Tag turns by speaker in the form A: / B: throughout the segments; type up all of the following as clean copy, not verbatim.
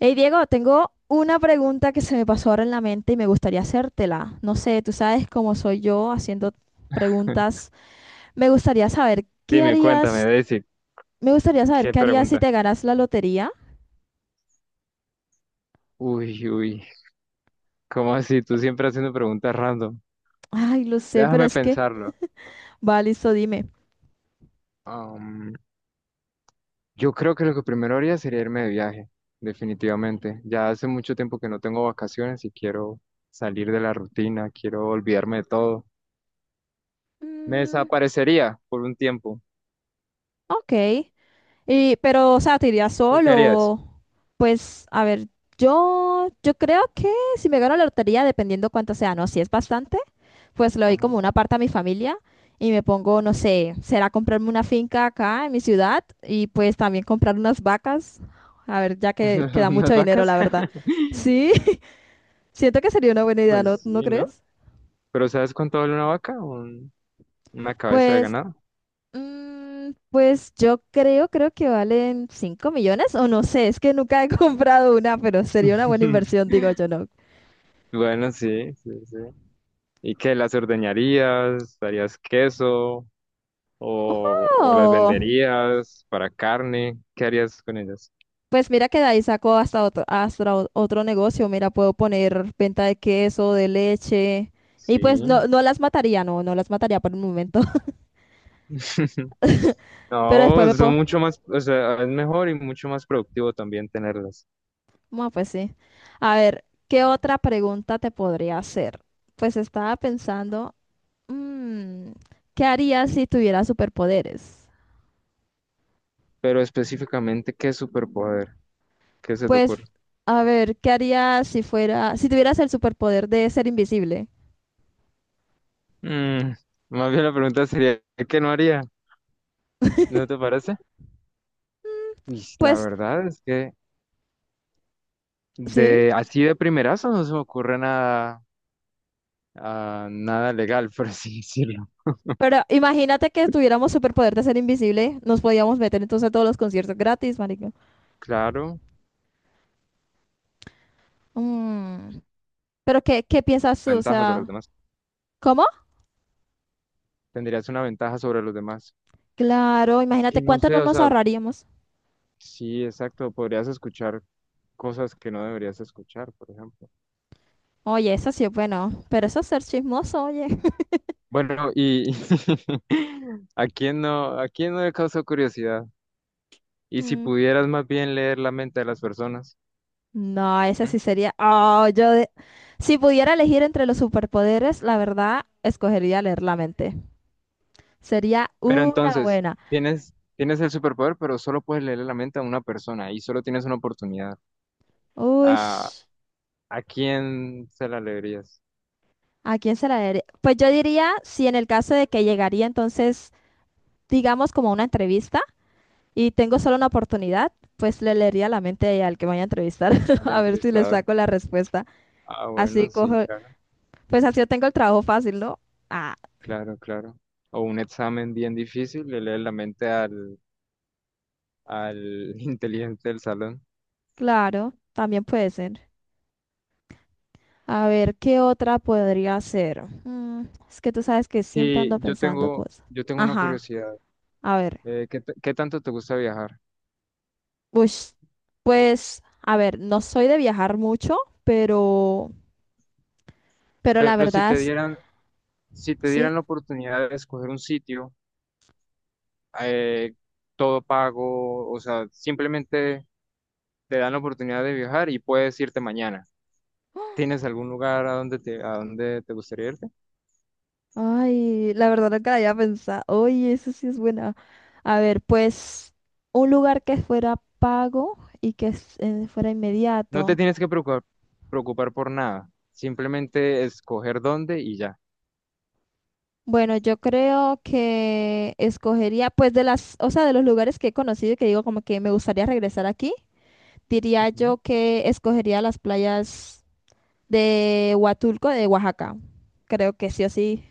A: Hey Diego, tengo una pregunta que se me pasó ahora en la mente y me gustaría hacértela. No sé, tú sabes cómo soy yo haciendo preguntas. Me gustaría saber qué
B: Dime, cuéntame,
A: harías,
B: Daisy,
A: me gustaría saber
B: ¿qué
A: qué harías si
B: pregunta?
A: te ganas la lotería.
B: Uy, uy, ¿cómo así? Tú siempre haciendo preguntas random.
A: Ay, lo sé, pero
B: Déjame
A: es que,
B: pensarlo.
A: va, listo, dime.
B: Am, yo creo que lo que primero haría sería irme de viaje, definitivamente. Ya hace mucho tiempo que no tengo vacaciones y quiero salir de la rutina, quiero olvidarme de todo. Me
A: Mm,
B: desaparecería por un tiempo.
A: ok. Y, pero, o sea, ¿te irías
B: ¿Tú querías?
A: solo? Pues, a ver, yo creo que si me gano la lotería, dependiendo cuánto sea, ¿no? Si es bastante. Pues le doy
B: Ajá.
A: como una parte a mi familia y me pongo, no sé, será comprarme una finca acá en mi ciudad y pues también comprar unas vacas. A ver, ya que da
B: ¿Unas
A: mucho dinero,
B: vacas?
A: la verdad. Sí, siento que sería una buena idea, ¿no,
B: Pues
A: no
B: sí, ¿no?
A: crees?
B: ¿Pero sabes cuánto vale una vaca? Una cabeza de
A: Pues,
B: ganado.
A: pues yo creo que valen 5 millones o no sé, es que nunca he comprado una, pero sería una buena inversión, digo yo, ¿no?
B: Bueno, sí, sí, sí. ¿Y qué? ¿Las ordeñarías? ¿Harías queso? ¿O las
A: ¡Oh!
B: venderías para carne? ¿Qué harías con ellas?
A: Pues mira que de ahí saco hasta otro negocio. Mira, puedo poner venta de queso, de leche. Y
B: Sí.
A: pues no, no las mataría, no, no las mataría por un momento. Pero después
B: No,
A: me
B: son
A: puedo.
B: mucho más, o sea, es mejor y mucho más productivo también tenerlas.
A: Bueno, pues sí. A ver, ¿qué otra pregunta te podría hacer? Pues estaba pensando, mm, ¿qué harías si tuvieras superpoderes?
B: Pero específicamente, ¿qué superpoder? ¿Qué se te
A: Pues,
B: ocurre?
A: a ver, ¿qué harías si tuvieras el superpoder de ser invisible?
B: Mm, más bien la pregunta sería, ¿qué no haría? ¿No te parece? Y la
A: Pues
B: verdad es que
A: sí.
B: de así de primerazo no se me ocurre nada. Ah, nada legal, por así decirlo.
A: Pero imagínate que tuviéramos superpoder de ser invisible, nos podíamos meter entonces a todos los conciertos gratis, marica.
B: Claro,
A: Mm, Pero ¿qué piensas tú? O
B: ventaja sobre los
A: sea,
B: demás.
A: ¿cómo?
B: Tendrías una ventaja sobre los demás.
A: Claro,
B: Es
A: imagínate
B: que no
A: cuánto no
B: sé, o
A: nos
B: sea,
A: ahorraríamos.
B: sí, exacto, podrías escuchar cosas que no deberías escuchar, por ejemplo.
A: Oye, eso sí es bueno, pero eso es ser chismoso, oye.
B: Bueno, y a quién no le causó curiosidad? Y si
A: Mm,
B: pudieras más bien leer la mente de las personas.
A: no, ese
B: ¿Mm?
A: sí sería. Oh. Si pudiera elegir entre los superpoderes, la verdad, escogería leer la mente. Sería
B: Pero
A: una
B: entonces,
A: buena.
B: tienes el superpoder, pero solo puedes leer la mente a una persona y solo tienes una oportunidad.
A: Uy,
B: ¿A, ¿a quién se la leerías?
A: ¿a quién se la daría? Pues yo diría, si en el caso de que llegaría entonces digamos, como una entrevista y tengo solo una oportunidad, pues le leería la mente al que me vaya a entrevistar
B: Al
A: a ver si le
B: entrevistador.
A: saco la respuesta.
B: Ah, bueno,
A: Así
B: sí,
A: cojo,
B: claro,
A: pues así yo tengo el trabajo fácil, ¿no? Ah,
B: claro, claro. O un examen bien difícil, le lees la mente al inteligente del salón.
A: claro, también puede ser. A ver, ¿qué otra podría ser? Es que tú sabes que siempre
B: Sí,
A: ando
B: yo
A: pensando
B: tengo,
A: cosas.
B: yo tengo una
A: Ajá,
B: curiosidad.
A: a ver.
B: ¿Qué, qué tanto te gusta viajar?
A: Ush,
B: O-
A: pues, a ver, no soy de viajar mucho, pero, pero la
B: Pero si
A: verdad
B: te
A: es,
B: dieran, si te
A: sí.
B: dieran la oportunidad de escoger un sitio, eh, todo pago, o sea, simplemente te dan la oportunidad de viajar y puedes irte mañana. ¿Tienes algún lugar a donde a donde te gustaría ir?
A: Ay, la verdad nunca la había pensado. Oye, eso sí es buena. A ver, pues un lugar que fuera pago y fuera
B: No te
A: inmediato.
B: tienes que preocupar por nada. Simplemente escoger dónde y ya.
A: Bueno, yo creo que escogería, pues de las, o sea, de los lugares que he conocido y que digo como que me gustaría regresar aquí, diría
B: Ujú.
A: yo que escogería las playas de Huatulco, de Oaxaca. Creo que sí o sí.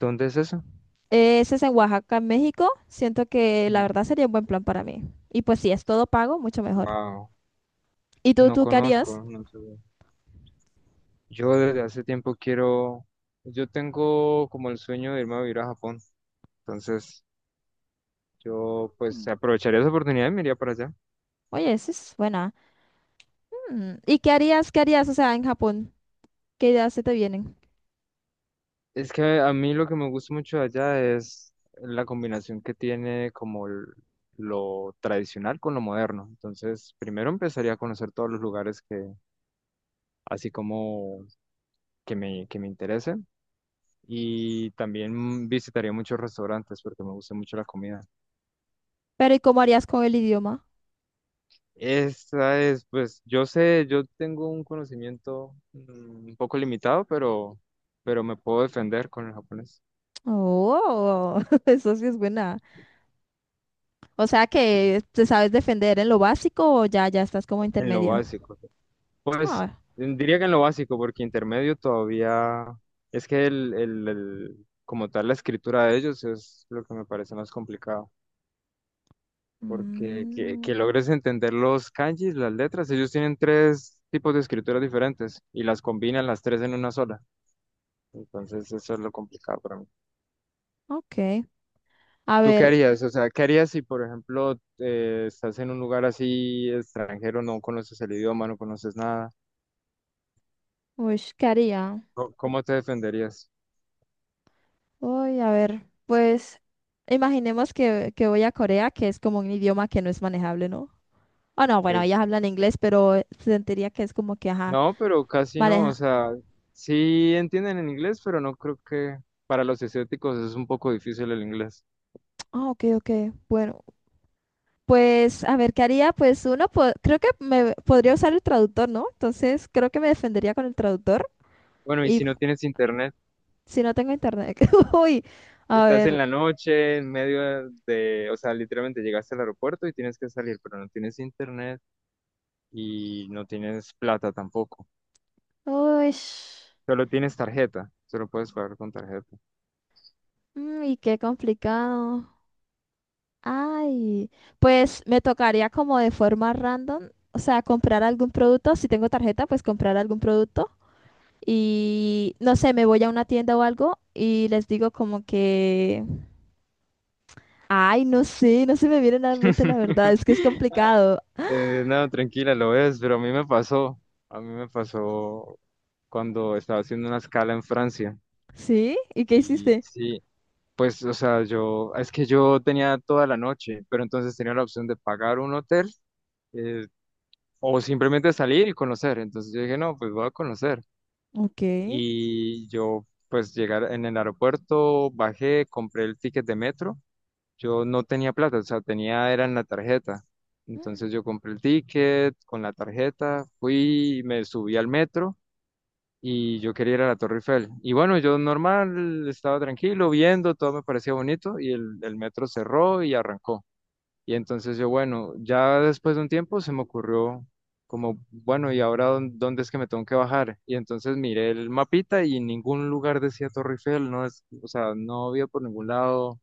B: ¿Dónde es eso?
A: Ese es en Oaxaca, en México. Siento que la verdad sería un buen plan para mí. Y pues si es todo pago, mucho mejor.
B: Wow.
A: ¿Y tú,
B: No
A: tú qué harías?
B: conozco, no sé. Yo desde hace tiempo quiero, pues, yo tengo como el sueño de irme a vivir a Japón. Entonces, yo pues
A: Mm,
B: aprovecharía esa oportunidad y me iría para allá.
A: Oye, esa es buena. ¿Y qué harías, o sea, en Japón? ¿Qué ideas se te vienen?
B: Es que a mí lo que me gusta mucho de allá es la combinación que tiene como lo tradicional con lo moderno. Entonces, primero empezaría a conocer todos los lugares que, así como que que me interesen. Y también visitaría muchos restaurantes porque me gusta mucho la comida.
A: Pero ¿y cómo harías con el idioma?
B: Esa es, pues, yo sé, yo tengo un conocimiento un poco limitado, pero me puedo defender con el japonés.
A: Oh, eso sí es buena. O sea
B: Sí,
A: que te sabes defender en lo básico o ya estás como
B: en lo
A: intermedio.
B: básico. Pues,
A: Ah,
B: diría que en lo básico, porque intermedio todavía es que como tal la escritura de ellos es lo que me parece más complicado. Porque
A: mm,
B: que logres entender los kanjis, las letras, ellos tienen tres tipos de escrituras diferentes y las combinan las tres en una sola. Entonces eso es lo complicado para mí.
A: ok. A
B: ¿Tú qué
A: ver,
B: harías? O sea, ¿qué harías si, por ejemplo, estás en un lugar así extranjero, no conoces el idioma, no conoces nada?
A: uy, ¿qué haría?
B: ¿Cómo te defenderías?
A: Uy, a ver, pues imaginemos que voy a Corea, que es como un idioma que no es manejable, ¿no? Ah, no, bueno, ellas
B: Es,
A: hablan inglés, pero sentiría que es como que, ajá.
B: no, pero casi
A: Vale,
B: no. O
A: ajá.
B: sea, sí entienden el inglés, pero no creo que para los asiáticos es un poco difícil el inglés.
A: Ah, ok, ok. Bueno, pues a ver, ¿qué haría? Pues uno, creo que me podría usar el traductor, ¿no? Entonces, creo que me defendería con el traductor.
B: Bueno, y
A: Y
B: si no tienes internet.
A: si no tengo internet. Uy, a
B: Estás en
A: ver.
B: la noche, en medio de, o sea, literalmente llegaste al aeropuerto y tienes que salir, pero no tienes internet y no tienes plata tampoco.
A: Uy,
B: Solo tienes tarjeta, solo puedes pagar con tarjeta.
A: y qué complicado. Ay, pues me tocaría como de forma random, o sea, comprar algún producto. Si tengo tarjeta, pues comprar algún producto. Y no sé, me voy a una tienda o algo y les digo como que. Ay, no sé, no se me viene nada en mente la verdad, es que es complicado.
B: No, tranquila, lo ves, pero a mí me pasó cuando estaba haciendo una escala en Francia.
A: ¿Sí? ¿Y qué
B: Y
A: hiciste?
B: sí, pues, o sea, yo, es que yo tenía toda la noche, pero entonces tenía la opción de pagar un hotel, eh, o simplemente salir y conocer. Entonces yo dije, no, pues voy a conocer.
A: Ok.
B: Y yo pues llegar en el aeropuerto, bajé, compré el ticket de metro. Yo no tenía plata, o sea, tenía era en la tarjeta. Entonces yo compré el ticket con la tarjeta, fui, me subí al metro y yo quería ir a la Torre Eiffel. Y bueno, yo normal, estaba tranquilo, viendo, todo me parecía bonito y el metro cerró y arrancó. Y entonces yo, bueno, ya después de un tiempo se me ocurrió como, bueno, ¿y ahora dónde es que me tengo que bajar? Y entonces miré el mapita y en ningún lugar decía Torre Eiffel, no es, o sea, no había por ningún lado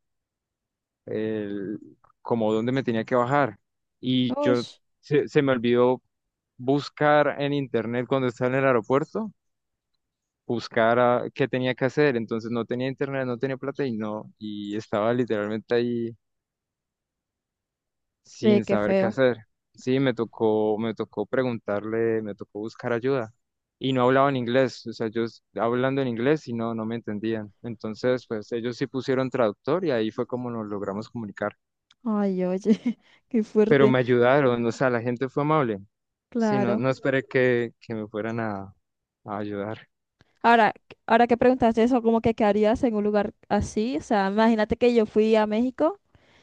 B: el, como dónde me tenía que bajar. Y
A: Uy,
B: yo se me olvidó buscar en internet cuando estaba en el aeropuerto, buscar qué tenía que hacer. Entonces no tenía internet, no tenía plata y no, y estaba literalmente ahí
A: ve,
B: sin
A: qué
B: saber qué
A: feo.
B: hacer. Sí, me tocó preguntarle, me tocó buscar ayuda. Y no hablaban inglés, o sea, ellos hablando en inglés y no, no me entendían. Entonces, pues ellos sí pusieron traductor y ahí fue como nos logramos comunicar.
A: Ay, oye, qué
B: Pero
A: fuerte.
B: me ayudaron, o sea, la gente fue amable. Sí, no,
A: Claro.
B: no esperé que me fueran a ayudar.
A: Ahora, ahora que preguntaste eso, ¿cómo que qué harías en un lugar así? O sea, imagínate que yo fui a México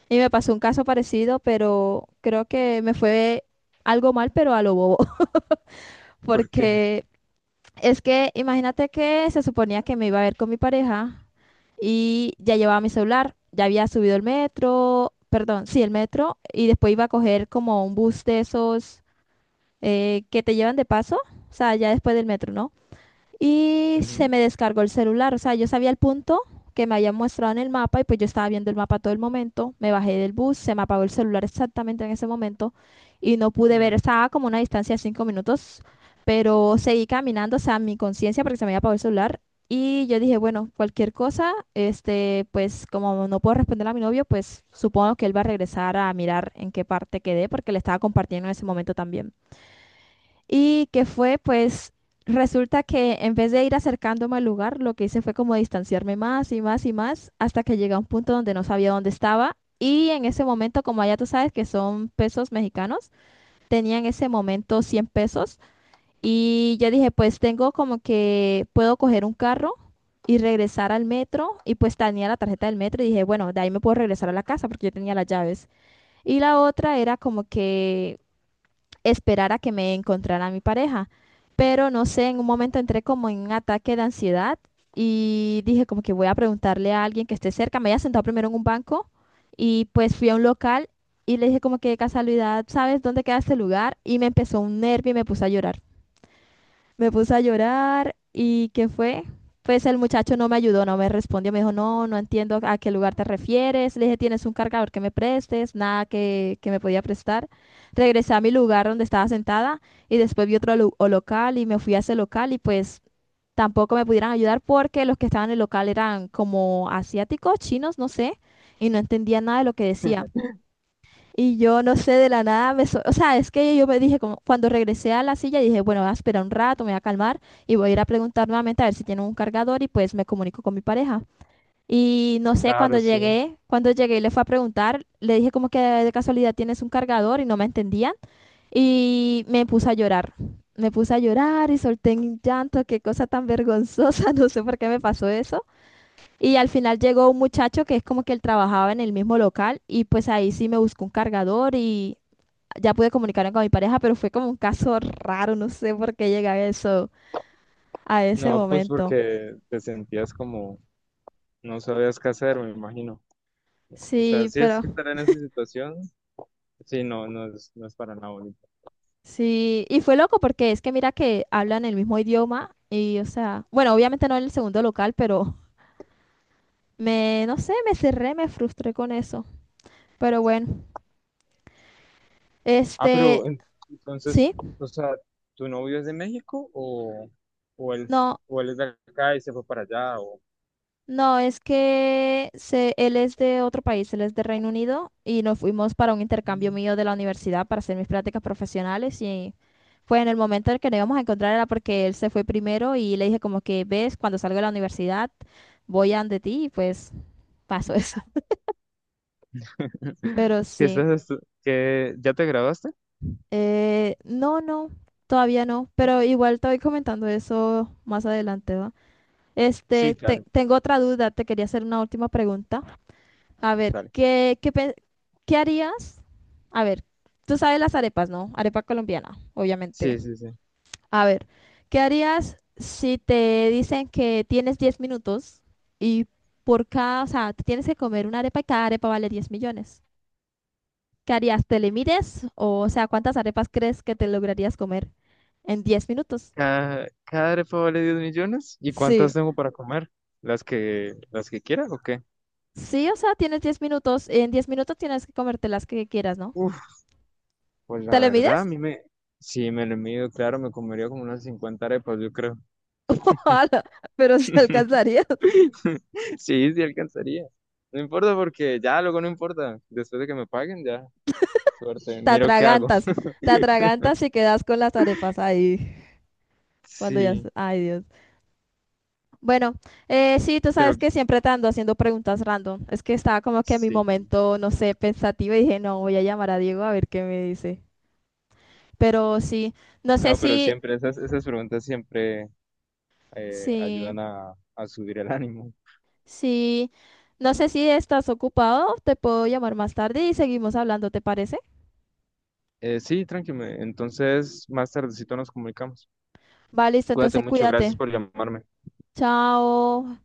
A: y me pasó un caso parecido, pero creo que me fue algo mal, pero a lo bobo,
B: Porque
A: porque. Es que imagínate que se suponía que me iba a ver con mi pareja y ya llevaba mi celular, ya había subido el metro, perdón, sí, el metro, y después iba a coger como un bus de esos que te llevan de paso, o sea, ya después del metro, ¿no? Y se
B: ujú.
A: me descargó el celular. O sea, yo sabía el punto que me habían mostrado en el mapa y pues yo estaba viendo el mapa todo el momento. Me bajé del bus, se me apagó el celular exactamente en ese momento y no pude ver.
B: Mm,
A: Estaba como a una distancia de 5 minutos, pero seguí caminando, o sea, mi conciencia porque se me había apagado el celular. Y yo dije, bueno, cualquier cosa, este, pues como no puedo responder a mi novio, pues supongo que él va a regresar a mirar en qué parte quedé, porque le estaba compartiendo en ese momento también. Y que fue, pues, resulta que en vez de ir acercándome al lugar, lo que hice fue como distanciarme más y más y más hasta que llegué a un punto donde no sabía dónde estaba. Y en ese momento, como allá tú sabes que son pesos mexicanos, tenía en ese momento 100 pesos. Y yo dije, pues tengo como que puedo coger un carro y regresar al metro. Y pues tenía la tarjeta del metro y dije, bueno, de ahí me puedo regresar a la casa porque yo tenía las llaves. Y la otra era como que esperar a que me encontrara mi pareja. Pero no sé, en un momento entré como en un ataque de ansiedad y dije como que voy a preguntarle a alguien que esté cerca. Me había sentado primero en un banco y pues fui a un local y le dije como que de casualidad, ¿sabes dónde queda este lugar? Y me empezó un nervio y me puse a llorar. Me puse a llorar y ¿qué fue? Pues el muchacho no me ayudó, no me respondió, me dijo, no, no entiendo a qué lugar te refieres. Le dije, ¿tienes un cargador que me prestes? Nada que me podía prestar. Regresé a mi lugar donde estaba sentada y después vi otro lu- o local y me fui a ese local y pues tampoco me pudieran ayudar porque los que estaban en el local eran como asiáticos, chinos, no sé, y no entendía nada de lo que decían. Y yo no sé, de la nada, o sea, es que yo me dije, como, cuando regresé a la silla, dije, bueno, voy a esperar un rato, me voy a calmar y voy a ir a preguntar nuevamente a ver si tiene un cargador y pues me comunico con mi pareja. Y no sé,
B: claro,
A: cuando
B: sí.
A: llegué, cuando llegué y le fue a preguntar, le dije como que de casualidad tienes un cargador y no me entendían y me puse a llorar. Me puse a llorar y solté un llanto, qué cosa tan vergonzosa, no sé por qué me pasó eso. Y al final llegó un muchacho que es como que él trabajaba en el mismo local y pues ahí sí me buscó un cargador y ya pude comunicarme con mi pareja, pero fue como un caso raro, no sé por qué llegué a eso, a ese
B: No, pues
A: momento.
B: porque te sentías como no sabías qué hacer, me imagino. O sea,
A: Sí,
B: sí es
A: pero
B: que estar en esa situación. Sí, no, no es, no es para nada bonito.
A: sí, y fue loco porque es que mira que hablan el mismo idioma y, o sea, bueno, obviamente no en el segundo local, pero no sé, me cerré, me frustré con eso. Pero bueno,
B: Ah,
A: este,
B: pero entonces,
A: sí,
B: o sea, ¿tu novio es de México o él,
A: no.
B: o él es de acá y se fue para allá? O...
A: No, es que él es de otro país, él es de Reino Unido y nos fuimos para un intercambio mío de la universidad para hacer mis prácticas profesionales y fue en el momento en el que nos íbamos a encontrar era porque él se fue primero y le dije como que ves, cuando salgo de la universidad voy a de ti y pues pasó eso.
B: Mm.
A: Pero
B: ¿Qué
A: sí,
B: estás ¿Ya te graduaste?
A: no, no, todavía no, pero igual te voy comentando eso más adelante, ¿va?
B: Sí,
A: Este,
B: claro,
A: tengo otra duda, te quería hacer una última pregunta. A ver,
B: dale.
A: qué harías? A ver, tú sabes las arepas, ¿no? Arepa colombiana, obviamente.
B: Sí, sí, sí.
A: A ver, ¿qué harías si te dicen que tienes 10 minutos y por cada, o sea, te tienes que comer una arepa y cada arepa vale 10 millones? ¿Qué harías? ¿Te le mides? O sea, ¿cuántas arepas crees que te lograrías comer en 10 minutos?
B: Cada arepa vale 10 millones. ¿Y cuántas
A: Sí.
B: tengo para comer? ¿Las que quiera o qué?
A: Sí, o sea, tienes 10 minutos. En 10 minutos tienes que comerte las que quieras, ¿no?
B: Uf, pues la
A: ¿Te le
B: verdad,
A: mides?
B: si me lo mido, claro, me comería como unas 50 arepas, yo creo.
A: Ojalá, pero se alcanzaría.
B: Sí, sí alcanzaría. No importa porque ya luego no importa. Después de que me paguen, ya, suerte.
A: Te
B: Miro qué hago.
A: atragantas, te atragantas y quedas con las arepas ahí. Cuando ya,
B: Sí,
A: ay Dios. Bueno, sí, tú sabes
B: pero
A: que siempre te ando haciendo preguntas random. Es que estaba como que en mi
B: sí.
A: momento, no sé, pensativa y dije, no, voy a llamar a Diego a ver qué me dice. Pero sí, no sé
B: No, pero
A: si,
B: siempre esas preguntas siempre
A: sí,
B: ayudan a subir el ánimo.
A: sí, no sé si estás ocupado, te puedo llamar más tarde y seguimos hablando, ¿te parece?
B: Sí, tranquilo. Entonces, más tardecito nos comunicamos.
A: Va, listo,
B: Cuídate
A: entonces
B: mucho.
A: cuídate.
B: Gracias por llamarme.
A: Chao.